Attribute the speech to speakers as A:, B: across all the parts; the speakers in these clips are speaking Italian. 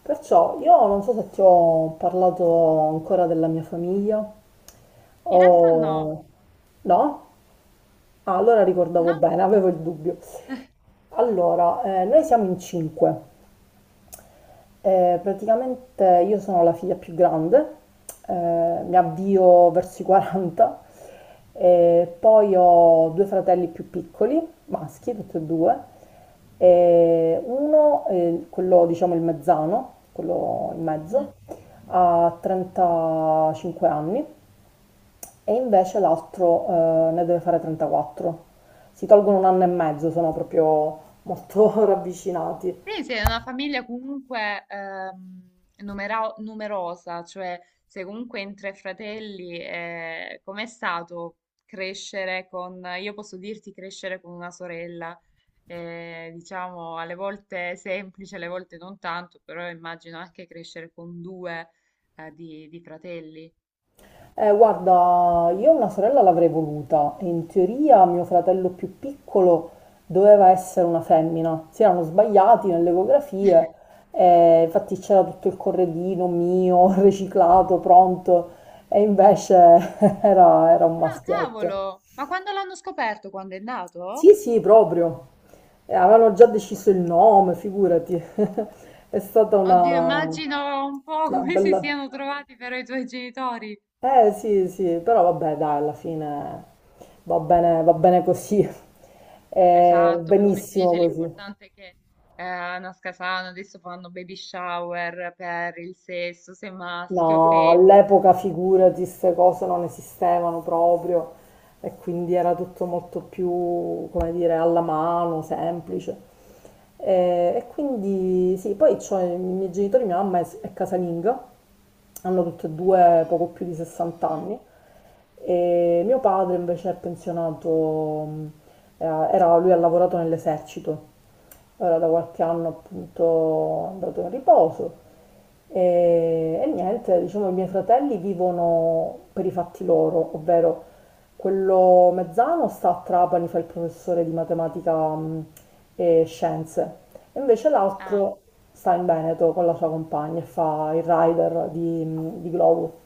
A: Perciò io non so se ti ho parlato ancora della mia famiglia
B: In realtà no,
A: o no? Ah, allora ricordavo
B: no.
A: bene, avevo il dubbio. Allora, noi siamo in cinque. Praticamente io sono la figlia più grande, mi avvio verso i 40, e poi ho due fratelli più piccoli, maschi, tutti e due, e uno, quello diciamo il mezzano, quello in
B: Mm.
A: mezzo, ha 35 anni e invece l'altro ne deve fare 34. Si tolgono un anno e mezzo, sono proprio molto ravvicinati.
B: Quindi sei una famiglia comunque numerosa, cioè sei comunque in tre fratelli, com'è stato crescere con, io posso dirti crescere con una sorella, diciamo alle volte semplice, alle volte non tanto, però immagino anche crescere con due di fratelli.
A: Guarda, io una sorella l'avrei voluta. In teoria mio fratello più piccolo doveva essere una femmina. Si erano sbagliati nelle ecografie, infatti c'era tutto il corredino mio, riciclato, pronto, e invece era un
B: Ah,
A: maschietto.
B: cavolo! Ma quando l'hanno scoperto? Quando è
A: Sì,
B: nato?
A: sì, proprio. Avevano già deciso il nome, figurati. È stata
B: Oddio,
A: una
B: immagino un po'
A: una
B: come si
A: bella...
B: siano trovati però i tuoi genitori.
A: Eh sì, sì, però vabbè, dai, alla fine va bene così, è
B: Esatto, poi come si
A: benissimo
B: dice,
A: così.
B: l'importante è che eh, nasca sano, adesso fanno baby shower per il sesso, se maschio o
A: No,
B: femmina.
A: all'epoca figurati, queste cose non esistevano proprio e quindi era tutto molto più, come dire, alla mano, semplice. E quindi sì, poi c'ho i miei genitori, mia mamma è casalinga, hanno tutte e due poco più di 60 anni e mio padre invece è pensionato. mh, Lui ha lavorato nell'esercito. Ora da qualche anno appunto è andato in riposo e niente, diciamo i miei fratelli vivono per i fatti loro, ovvero quello mezzano sta a Trapani, fa il professore di matematica e scienze, e invece
B: Ah,
A: l'altro sta in Veneto con la sua compagna e fa il rider di globo.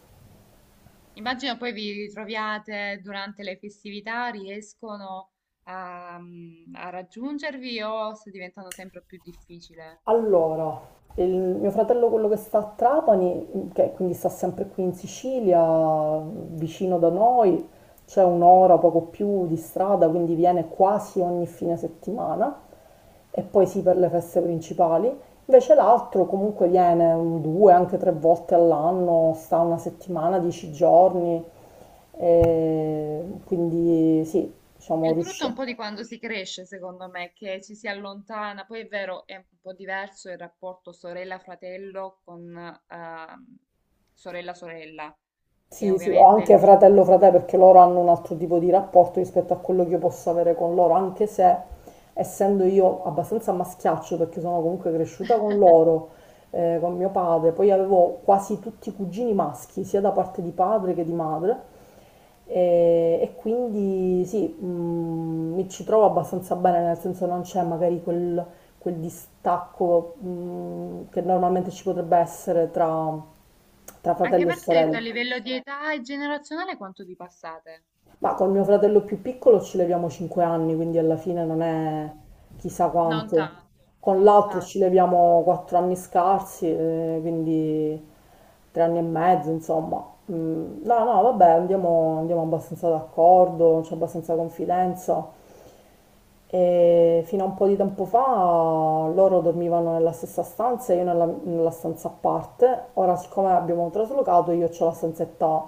B: immagino poi vi ritroviate durante le festività, riescono a raggiungervi o sta diventando sempre più difficile?
A: Allora, il mio fratello, quello che sta a Trapani, che quindi sta sempre qui in Sicilia, vicino da noi, c'è un'ora, poco più di strada, quindi viene quasi ogni fine settimana e poi sì per le feste principali. Invece l'altro comunque viene un, due, anche tre volte all'anno, sta una settimana, dieci giorni, e quindi sì,
B: È
A: diciamo
B: il brutto è un
A: riuscì.
B: po' di quando si cresce, secondo me, che ci si allontana. Poi è vero, è un po' diverso il rapporto sorella-fratello con ehm, sorella-sorella, che
A: Sì, sì, o
B: ovviamente è il
A: anche
B: mio...
A: fratello perché loro hanno un altro tipo di rapporto rispetto a quello che io posso avere con loro, anche se essendo io abbastanza a maschiaccio perché sono comunque cresciuta con loro, con mio padre, poi avevo quasi tutti i cugini maschi, sia da parte di padre che di madre, e quindi sì, mm, mi ci trovo abbastanza bene, nel senso non c'è magari quel distacco, mm, che normalmente ci potrebbe essere tra tra
B: Anche
A: fratello e
B: perché, detto
A: sorella.
B: a livello di età e generazionale, quanto vi passate?
A: Ma con mio fratello più piccolo ci leviamo 5 anni, quindi alla fine non è chissà
B: Non
A: quanto.
B: tanto, sì,
A: Con l'altro ci
B: infatti.
A: leviamo 4 anni scarsi, quindi 3 anni e mezzo, insomma. Mm, no, no, vabbè, andiamo abbastanza d'accordo, c'è abbastanza confidenza. E fino a un po' di tempo fa loro dormivano nella stessa stanza e io nella stanza a parte. Ora, siccome abbiamo traslocato, io ho la stanzetta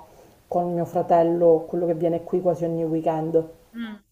A: con mio fratello, quello che viene qui quasi ogni weekend.
B: Mm.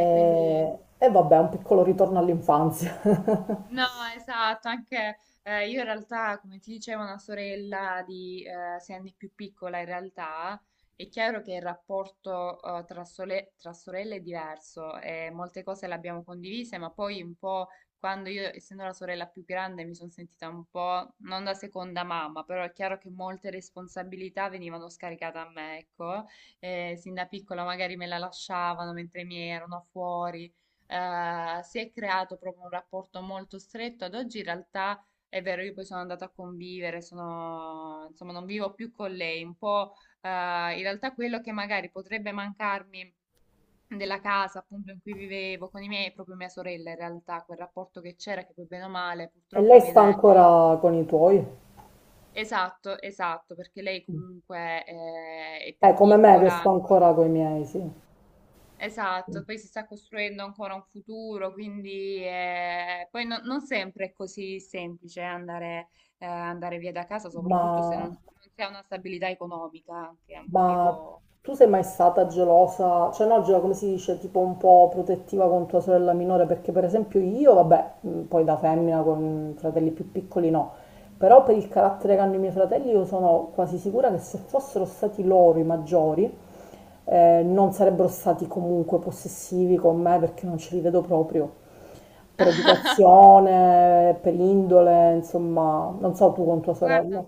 B: E quindi...
A: e vabbè, un piccolo ritorno all'infanzia.
B: No, esatto, anche io in realtà, come ti dicevo, una sorella di 6 anni più piccola in realtà, è chiaro che il rapporto tra sorelle è diverso e molte cose le abbiamo condivise, ma poi un po' quando io, essendo la sorella più grande, mi sono sentita un po' non da seconda mamma, però è chiaro che molte responsabilità venivano scaricate a me, ecco. Sin da piccola magari me la lasciavano mentre mi erano fuori, si è creato proprio un rapporto molto stretto. Ad oggi in realtà è vero, io poi sono andata a convivere, sono, insomma, non vivo più con lei, un po' eh, in realtà quello che magari potrebbe mancarmi della casa appunto in cui vivevo con i miei, è proprio mia sorella in realtà, quel rapporto che c'era, che poi bene o male
A: E lei
B: purtroppo
A: sta
B: viene...
A: ancora con i tuoi?
B: Esatto, esatto, perché lei comunque è più
A: Come me che
B: piccola
A: sto
B: ancora.
A: ancora con i miei, sì.
B: Esatto, poi si sta costruendo ancora un futuro, quindi poi non sempre è così semplice andare, andare via da casa,
A: Ma
B: soprattutto se non si ha una stabilità economica, che è un
A: Ma
B: motivo...
A: tu sei mai stata gelosa, cioè no, gelosa come si dice, tipo un po' protettiva con tua sorella minore? Perché per esempio io, vabbè, poi da femmina con fratelli più piccoli no, però per il carattere che hanno i miei fratelli io sono quasi sicura che se fossero stati loro i maggiori, non sarebbero stati comunque possessivi con me perché non ce li vedo proprio. Per educazione, per indole, insomma, non so tu con tua sorella.
B: Guarda,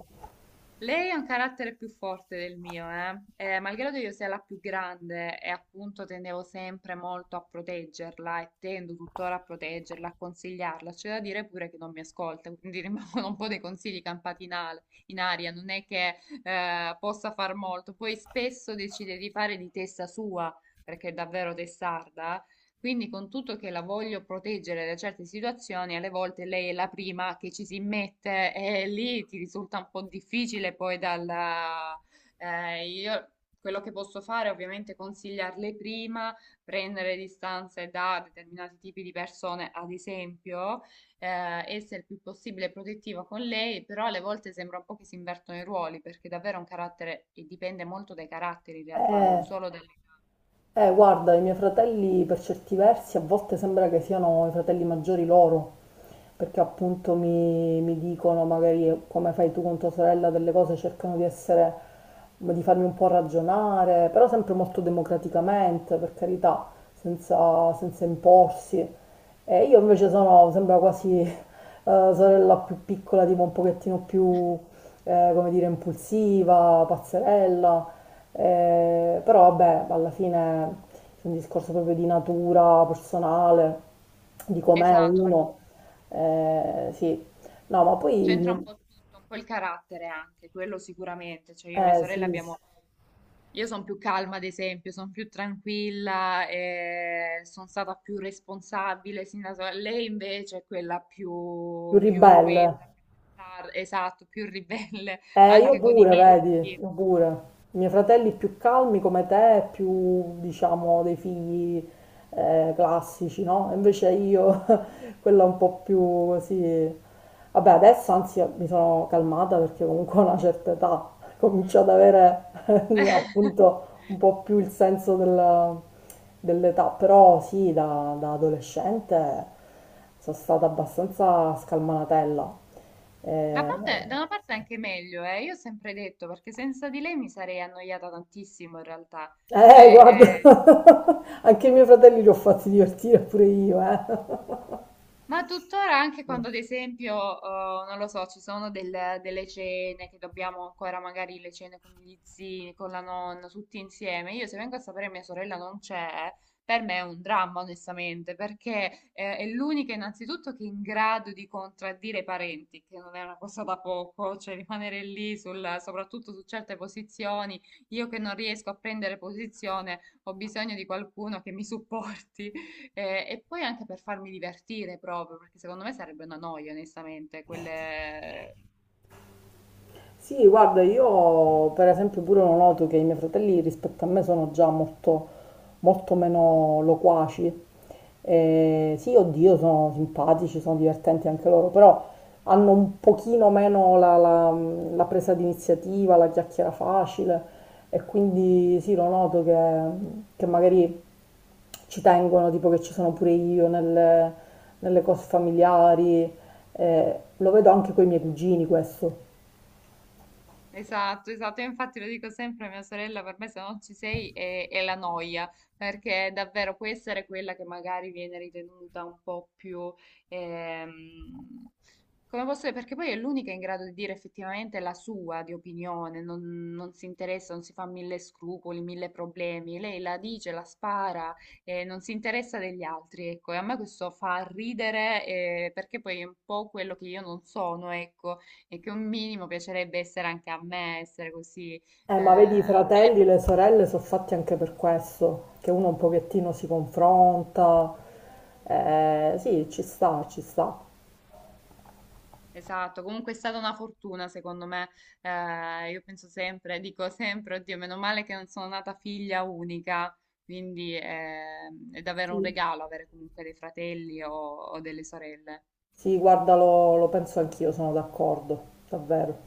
B: lei ha un carattere più forte del mio, eh? Malgrado io sia la più grande e appunto tendevo sempre molto a proteggerla e tendo tuttora a proteggerla, a consigliarla, c'è da dire pure che non mi ascolta, quindi rimangono un po' dei consigli campati in aria, non è che possa far molto, poi spesso decide di fare di testa sua, perché è davvero testarda, quindi con tutto che la voglio proteggere da certe situazioni, alle volte lei è la prima che ci si mette e lì ti risulta un po' difficile poi dalla... Io quello che posso fare è ovviamente consigliarle prima, prendere distanze da determinati tipi di persone, ad esempio, essere il più possibile protettiva con lei, però alle volte sembra un po' che si invertono i ruoli, perché davvero un carattere e dipende molto dai caratteri in realtà, non
A: Eh.
B: solo dalle...
A: Guarda, i miei fratelli per certi versi a volte sembra che siano i fratelli maggiori loro, perché appunto mi dicono magari come fai tu con tua sorella delle cose, cercano di essere, di farmi un po' ragionare, però sempre molto democraticamente, per carità, senza imporsi. E io invece sono, sembra quasi sorella più piccola, tipo un pochettino più come dire, impulsiva, pazzerella, però vabbè, alla fine è un discorso proprio di natura personale, di com'è
B: Esatto, perché
A: uno, sì. No, ma
B: c'entra un
A: poi,
B: po' tutto, un po' il carattere anche, quello sicuramente. Cioè io e mia
A: sì,
B: sorella
A: sì,
B: abbiamo... Io sono più calma, ad esempio, sono più tranquilla, e sono stata più responsabile sin da sola. Lei invece è quella
A: più
B: più, più
A: ribelle.
B: irruenta, più esatto, più ribelle,
A: Io
B: anche con i
A: pure,
B: miei,
A: vedi,
B: per dire.
A: io pure. I miei fratelli più calmi come te, più, diciamo, dei figli classici, no? Invece io, quella un po' più così... Vabbè, adesso anzi mi sono calmata perché comunque ho una certa età, comincio
B: Mm.
A: ad avere appunto un po' più il senso dell'età, però sì, da adolescente sono stata abbastanza scalmanatella.
B: Da
A: Eh,
B: da una parte è anche meglio, eh. Io ho sempre detto, perché senza di lei mi sarei annoiata tantissimo in realtà.
A: Guarda,
B: Cioè, eh,
A: anche i miei fratelli li ho fatti divertire pure io, eh.
B: ma tuttora anche quando, ad esempio, non lo so, ci sono delle cene che dobbiamo ancora magari le cene con gli zii, con la nonna, tutti insieme. Io se vengo a sapere mia sorella non c'è, per me è un dramma, onestamente, perché è l'unica innanzitutto che è in grado di contraddire i parenti, che non è una cosa da poco, cioè rimanere lì soprattutto su certe posizioni. Io che non riesco a prendere posizione, ho bisogno di qualcuno che mi supporti. E poi anche per farmi divertire proprio, perché secondo me sarebbe una noia, onestamente, quelle...
A: Sì, guarda, io per esempio pure lo noto che i miei fratelli rispetto a me sono già molto, molto meno loquaci. Sì, oddio, sono simpatici, sono divertenti anche loro, però hanno un pochino meno la presa d'iniziativa, la chiacchiera facile e quindi sì, lo noto che magari ci tengono, tipo che ci sono pure io nelle cose familiari. Eh, lo vedo anche con i miei cugini questo.
B: Esatto, esatto, io infatti lo dico sempre a mia sorella, per me se non ci sei è la noia, perché davvero può essere quella che magari viene ritenuta un po' più, ehm, come posso dire, perché poi è l'unica in grado di dire effettivamente la sua di opinione, non si interessa, non si fa mille scrupoli, mille problemi, lei la dice, la spara, non si interessa degli altri, ecco, e a me questo fa ridere, perché poi è un po' quello che io non sono, ecco, e che un minimo piacerebbe essere anche a me, essere così.
A: Ma vedi, i
B: Eh, bene.
A: fratelli e le sorelle sono fatti anche per questo, che uno un pochettino si confronta. Sì, ci sta, ci sta.
B: Esatto, comunque è stata una fortuna secondo me. Io penso sempre, dico sempre, oddio, meno male che non sono nata figlia unica, quindi è davvero un
A: Sì,
B: regalo avere comunque dei fratelli o delle sorelle.
A: sì, guarda, lo penso anch'io, sono d'accordo, davvero.